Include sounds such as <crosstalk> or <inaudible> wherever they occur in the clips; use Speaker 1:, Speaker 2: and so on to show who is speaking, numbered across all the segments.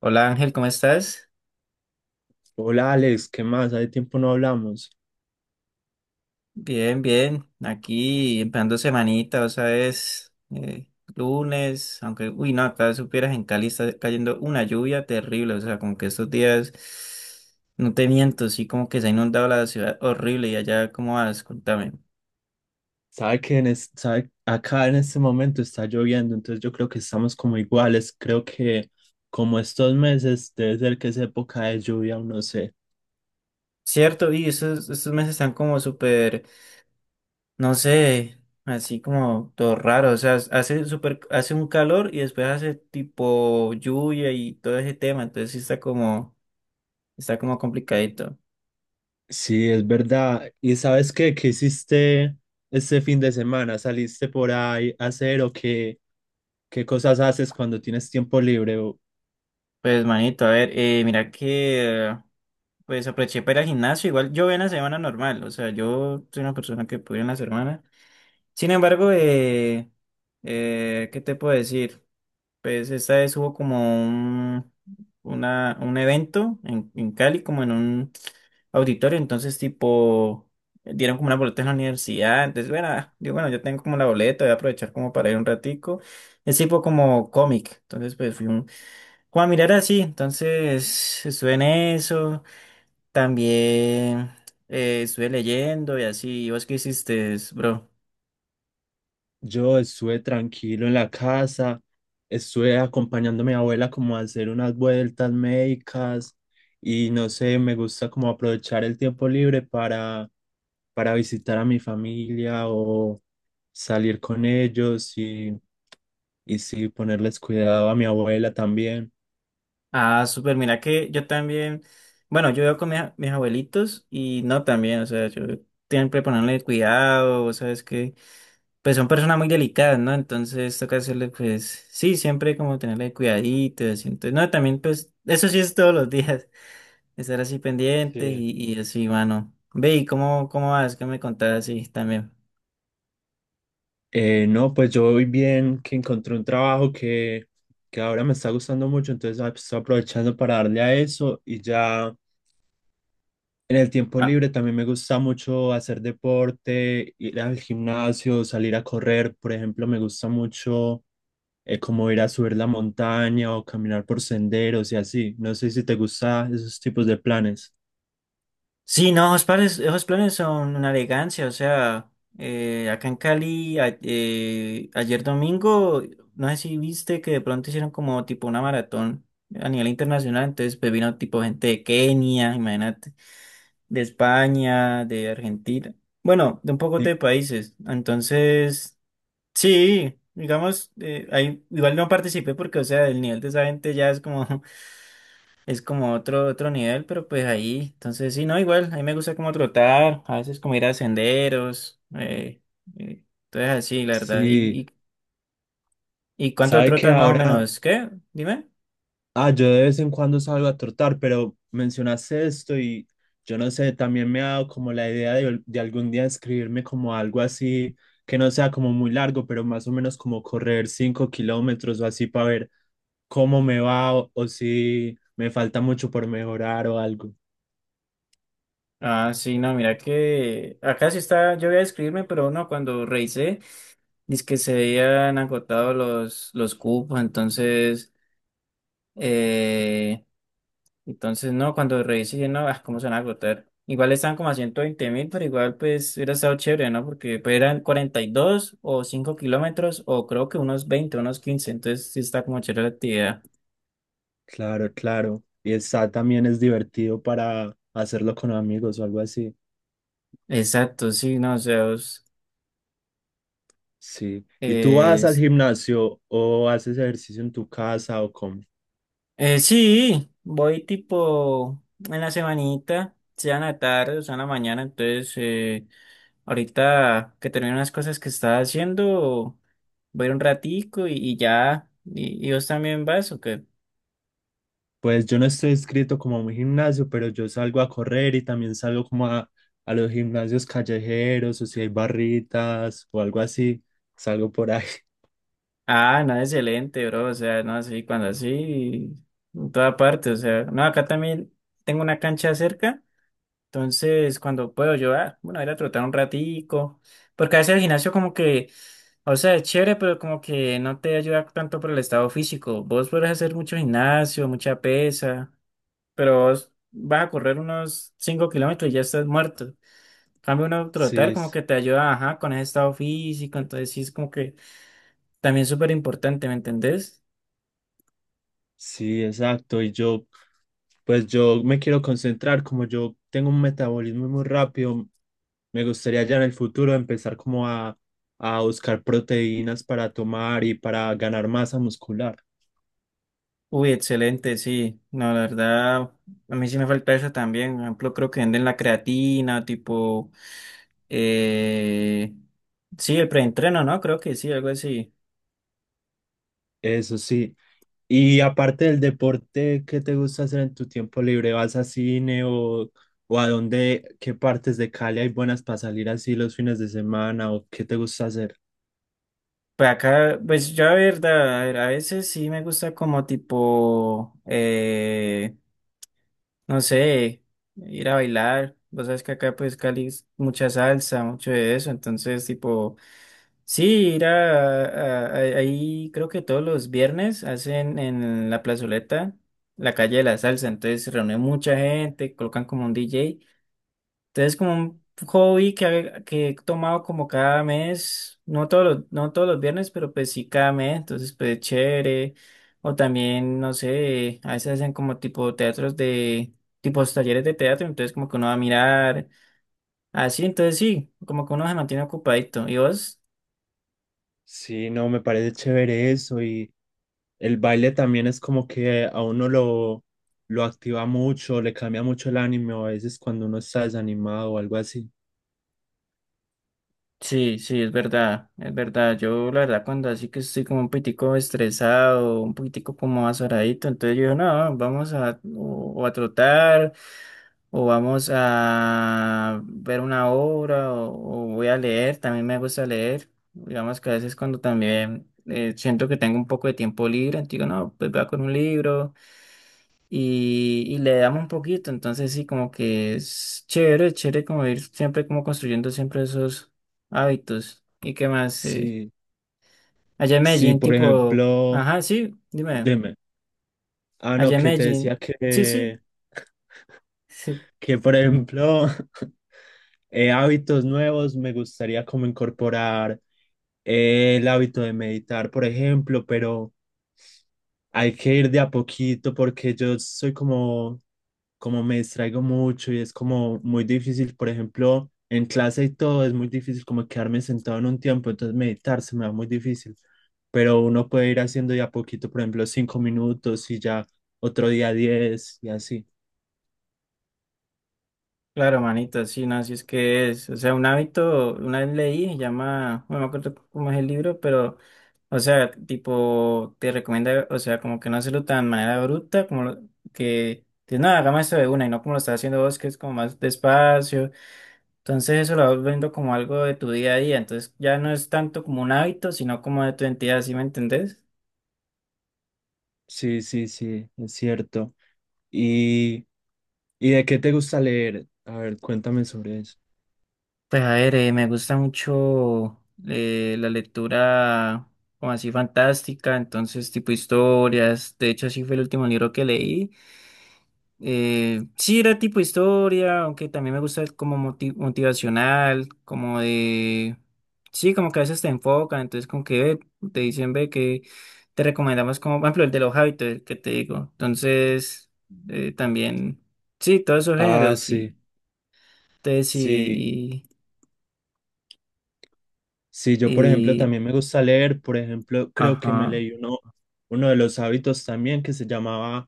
Speaker 1: Hola Ángel, ¿cómo estás?
Speaker 2: Hola Alex, ¿qué más? Hace tiempo no hablamos.
Speaker 1: Bien, bien. Aquí empezando semanita, o sea, es lunes, aunque, uy, no, acá supieras en Cali está cayendo una lluvia terrible, o sea, como que estos días, no te miento, sí, como que se ha inundado la ciudad horrible. Y allá, ¿cómo vas? Contame.
Speaker 2: Sabe que acá en este momento está lloviendo, entonces yo creo que estamos como iguales. Creo que como estos meses debe ser que es época de lluvia, o no sé.
Speaker 1: Cierto, y estos meses están como súper, no sé, así como todo raro, o sea, hace súper, hace un calor y después hace tipo lluvia y todo ese tema, entonces sí está como... Está como complicadito.
Speaker 2: Sí, es verdad. ¿Y sabes qué? ¿Qué hiciste este fin de semana? ¿Saliste por ahí a hacer o qué, qué cosas haces cuando tienes tiempo libre?
Speaker 1: Pues, manito, a ver, mira que, pues aproveché para ir al gimnasio. Igual yo voy en la semana normal, o sea, yo soy una persona que puede ir en la semana. Sin embargo, ¿qué te puedo decir? Pues esta vez hubo como un evento en Cali, como en un auditorio, entonces tipo, dieron como una boleta en la universidad. Entonces, bueno, ah, digo, bueno, yo tengo como la boleta, voy a aprovechar como para ir un ratico. Es tipo como cómic, entonces pues fui un Juan Mirara, sí, entonces estuve en eso, también estuve leyendo y así. ¿Vos qué hiciste, bro?
Speaker 2: Yo estuve tranquilo en la casa, estuve acompañando a mi abuela como a hacer unas vueltas médicas y no sé, me gusta como aprovechar el tiempo libre para visitar a mi familia o salir con ellos y sí, ponerles cuidado a mi abuela también.
Speaker 1: Ah, súper, mira que yo también, bueno, yo vivo con mis abuelitos y no también, o sea, yo siempre ponerle cuidado, vos sabes que, pues son personas muy delicadas, ¿no? Entonces toca hacerle, pues, sí, siempre como tenerle cuidadito, así, entonces, no, también, pues, eso sí es todos los días, estar así pendientes
Speaker 2: Sí.
Speaker 1: y así, mano. Ve, ¿y cómo vas? ¿Qué me contás así también?
Speaker 2: No, pues yo voy bien, que encontré un trabajo que ahora me está gustando mucho, entonces pues, estoy aprovechando para darle a eso y ya en el tiempo
Speaker 1: Ah,
Speaker 2: libre también me gusta mucho hacer deporte, ir al gimnasio, salir a correr, por ejemplo, me gusta mucho como ir a subir la montaña o caminar por senderos y así. No sé si te gustan esos tipos de planes.
Speaker 1: sí, no, esos planes son una elegancia, o sea, acá en Cali, ayer domingo, no sé si viste que de pronto hicieron como tipo una maratón a nivel internacional, entonces pues vino tipo gente de Kenia, imagínate, de España, de Argentina, bueno, de un poco
Speaker 2: Sí,
Speaker 1: de países, entonces... Sí, digamos, ahí igual no participé porque, o sea, el nivel de esa gente ya es como, <laughs> es como otro nivel, pero pues ahí, entonces sí, no, igual, a mí me gusta como trotar, a veces como ir a senderos, eh, entonces así, la verdad.
Speaker 2: sí,
Speaker 1: Y cuánto
Speaker 2: sabe que
Speaker 1: trotas más o
Speaker 2: ahora...
Speaker 1: menos? ¿Qué? Dime.
Speaker 2: Ah, yo de vez en cuando salgo a trotar, pero mencionaste esto y yo no sé, también me ha dado como la idea de algún día escribirme como algo así, que no sea como muy largo, pero más o menos como correr 5 kilómetros o así para ver cómo me va o si me falta mucho por mejorar o algo.
Speaker 1: Ah, sí, no, mira que acá sí está, yo voy a escribirme, pero no, cuando revisé, dice que se habían agotado los cupos, entonces... Entonces, no, cuando revisé, dije, no, ah, cómo se van a agotar. Igual estaban como a 120.000, pero igual pues hubiera estado chévere, ¿no? Porque pues, eran 42 o 5 kilómetros o creo que unos 20 unos 15, entonces sí está como chévere la actividad.
Speaker 2: Claro, claro. Y está también es divertido para hacerlo con amigos o algo así.
Speaker 1: Exacto, sí, no, o sea, es,
Speaker 2: Sí. ¿Y tú vas al
Speaker 1: es-
Speaker 2: gimnasio o haces ejercicio en tu casa o cómo?
Speaker 1: sí, voy tipo en la semanita, sea en la tarde o sea en la mañana, entonces ahorita que termino unas cosas que estaba haciendo, voy a ir un ratico y ya. ¿Y, y vos también vas o qué?
Speaker 2: Pues yo no estoy inscrito como a un gimnasio, pero yo salgo a correr y también salgo como a los gimnasios callejeros o si hay barritas o algo así, salgo por ahí. <laughs>
Speaker 1: Ah, no, excelente, bro. O sea, no, sí, cuando así, en toda parte. O sea, no, acá también tengo una cancha cerca. Entonces, cuando puedo yo, ah, bueno, ir a trotar un ratico. Porque a veces el gimnasio como que, o sea, es chévere, pero como que no te ayuda tanto por el estado físico. Vos podés hacer mucho gimnasio, mucha pesa, pero vos vas a correr unos 5 kilómetros y ya estás muerto. En cambio uno
Speaker 2: Sí,
Speaker 1: trotar como que te ayuda, ajá, con ese estado físico. Entonces, sí, es como que también súper importante, ¿me entendés?
Speaker 2: sí, exacto. Y yo, pues yo me quiero concentrar, como yo tengo un metabolismo muy rápido, me gustaría ya en el futuro empezar como a buscar proteínas para tomar y para ganar masa muscular.
Speaker 1: Uy, excelente, sí. No, la verdad, a mí sí me falta eso también. Por ejemplo, creo que venden la creatina, tipo, eh, sí, el preentreno, ¿no? Creo que sí, algo así.
Speaker 2: Eso sí. Y aparte del deporte, ¿qué te gusta hacer en tu tiempo libre? ¿Vas a cine o a dónde, qué partes de Cali hay buenas para salir así los fines de semana o qué te gusta hacer?
Speaker 1: Pues acá, pues yo, la verdad, a ver, a veces sí me gusta como tipo, no sé, ir a bailar. Vos sabes que acá, pues, Cali, es mucha salsa, mucho de eso. Entonces, tipo. Sí, ir ahí creo que todos los viernes hacen en la plazoleta la calle de la salsa, entonces se reúne mucha gente, colocan como un DJ, entonces como un hobby que he tomado como cada mes, no no todos los viernes, pero pues sí cada mes, entonces pues chévere, o también, no sé, a veces hacen como tipo tipos talleres de teatro, entonces como que uno va a mirar, así, entonces sí, como que uno se mantiene ocupadito. ¿Y vos?
Speaker 2: Sí, no, me parece chévere eso y el baile también es como que a uno lo activa mucho, le cambia mucho el ánimo a veces cuando uno está desanimado o algo así.
Speaker 1: Sí, sí, es verdad, es verdad. Yo la verdad cuando así que estoy como un poquitico estresado, un poquitico como azoradito, entonces yo digo, no, vamos a o a trotar o vamos a ver una obra o voy a leer, también me gusta leer. Digamos que a veces cuando también siento que tengo un poco de tiempo libre, entonces digo, no, pues voy a con un libro y le damos un poquito. Entonces sí, como que es chévere como ir siempre como construyendo siempre esos hábitos. ¿Y qué más?
Speaker 2: Sí,
Speaker 1: Allá en
Speaker 2: sí,
Speaker 1: Medellín,
Speaker 2: por
Speaker 1: tipo,
Speaker 2: ejemplo,
Speaker 1: ajá, sí, dime,
Speaker 2: dime, ah, no,
Speaker 1: allá en
Speaker 2: que te decía
Speaker 1: Medellín, sí, sí.
Speaker 2: que... <laughs>
Speaker 1: <laughs>
Speaker 2: que por ejemplo, <laughs> hábitos nuevos, me gustaría como incorporar el hábito de meditar, por ejemplo, pero hay que ir de a poquito porque yo soy como, como me distraigo mucho y es como muy difícil, por ejemplo, en clase y todo es muy difícil como quedarme sentado en un tiempo, entonces meditar se me va muy difícil, pero uno puede ir haciendo de a poquito, por ejemplo, 5 minutos y ya otro día 10 y así.
Speaker 1: Claro, manito, sí, no, así es que es. O sea, un hábito, una vez leí, se llama, no me acuerdo cómo es el libro, pero, o sea, tipo, te recomienda, o sea, como que no hacerlo tan de manera bruta, como que, dices, no, hagamos esto de una y no como lo estás haciendo vos, que es como más despacio. Entonces, eso lo vas viendo como algo de tu día a día. Entonces, ya no es tanto como un hábito, sino como de tu entidad, ¿sí me entendés?
Speaker 2: Sí, sí, sí, es cierto. ¿Y, y de qué te gusta leer? A ver, cuéntame sobre eso.
Speaker 1: Pues a ver, me gusta mucho la lectura como así fantástica, entonces tipo historias, de hecho así fue el último libro que leí. Sí era tipo historia, aunque también me gusta el como motivacional, como de... Sí, como que a veces te enfocan, entonces como que ve, te dicen, ve, que te recomendamos como, por ejemplo, el de los hábitos, el que te digo. Entonces, también, sí, todos esos
Speaker 2: Ah,
Speaker 1: géneros, y
Speaker 2: sí,
Speaker 1: entonces,
Speaker 2: sí, sí, yo por ejemplo
Speaker 1: y
Speaker 2: también me gusta leer, por ejemplo, creo que me
Speaker 1: Ajá.
Speaker 2: leí uno, uno de los hábitos también que se llamaba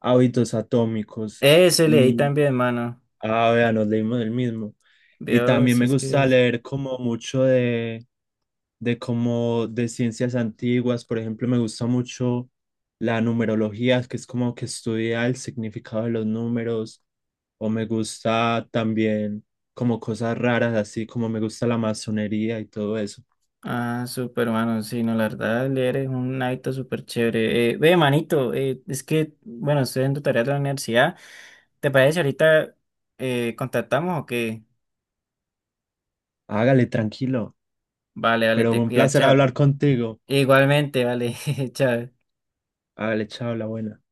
Speaker 2: Hábitos Atómicos.
Speaker 1: Ese leí
Speaker 2: Y.
Speaker 1: también, mano.
Speaker 2: Ah, vea, nos leímos el mismo. Y
Speaker 1: Dios,
Speaker 2: también
Speaker 1: si
Speaker 2: me
Speaker 1: es que
Speaker 2: gusta
Speaker 1: es.
Speaker 2: leer como mucho de como de ciencias antiguas. Por ejemplo, me gusta mucho la numerología, que es como que estudia el significado de los números. O me gusta también como cosas raras, así como me gusta la masonería y todo eso.
Speaker 1: Ah, súper, mano. Sí, no, la verdad, leer es un hábito súper chévere. Ve, manito, es que, bueno, estoy en tu tarea de la universidad. ¿Te parece si ahorita contactamos o qué?
Speaker 2: Hágale, tranquilo.
Speaker 1: Vale, vale,
Speaker 2: Pero
Speaker 1: te
Speaker 2: un
Speaker 1: cuida,
Speaker 2: placer
Speaker 1: chao.
Speaker 2: hablar contigo.
Speaker 1: Igualmente, vale, <laughs> chao.
Speaker 2: Hágale, chao, la buena.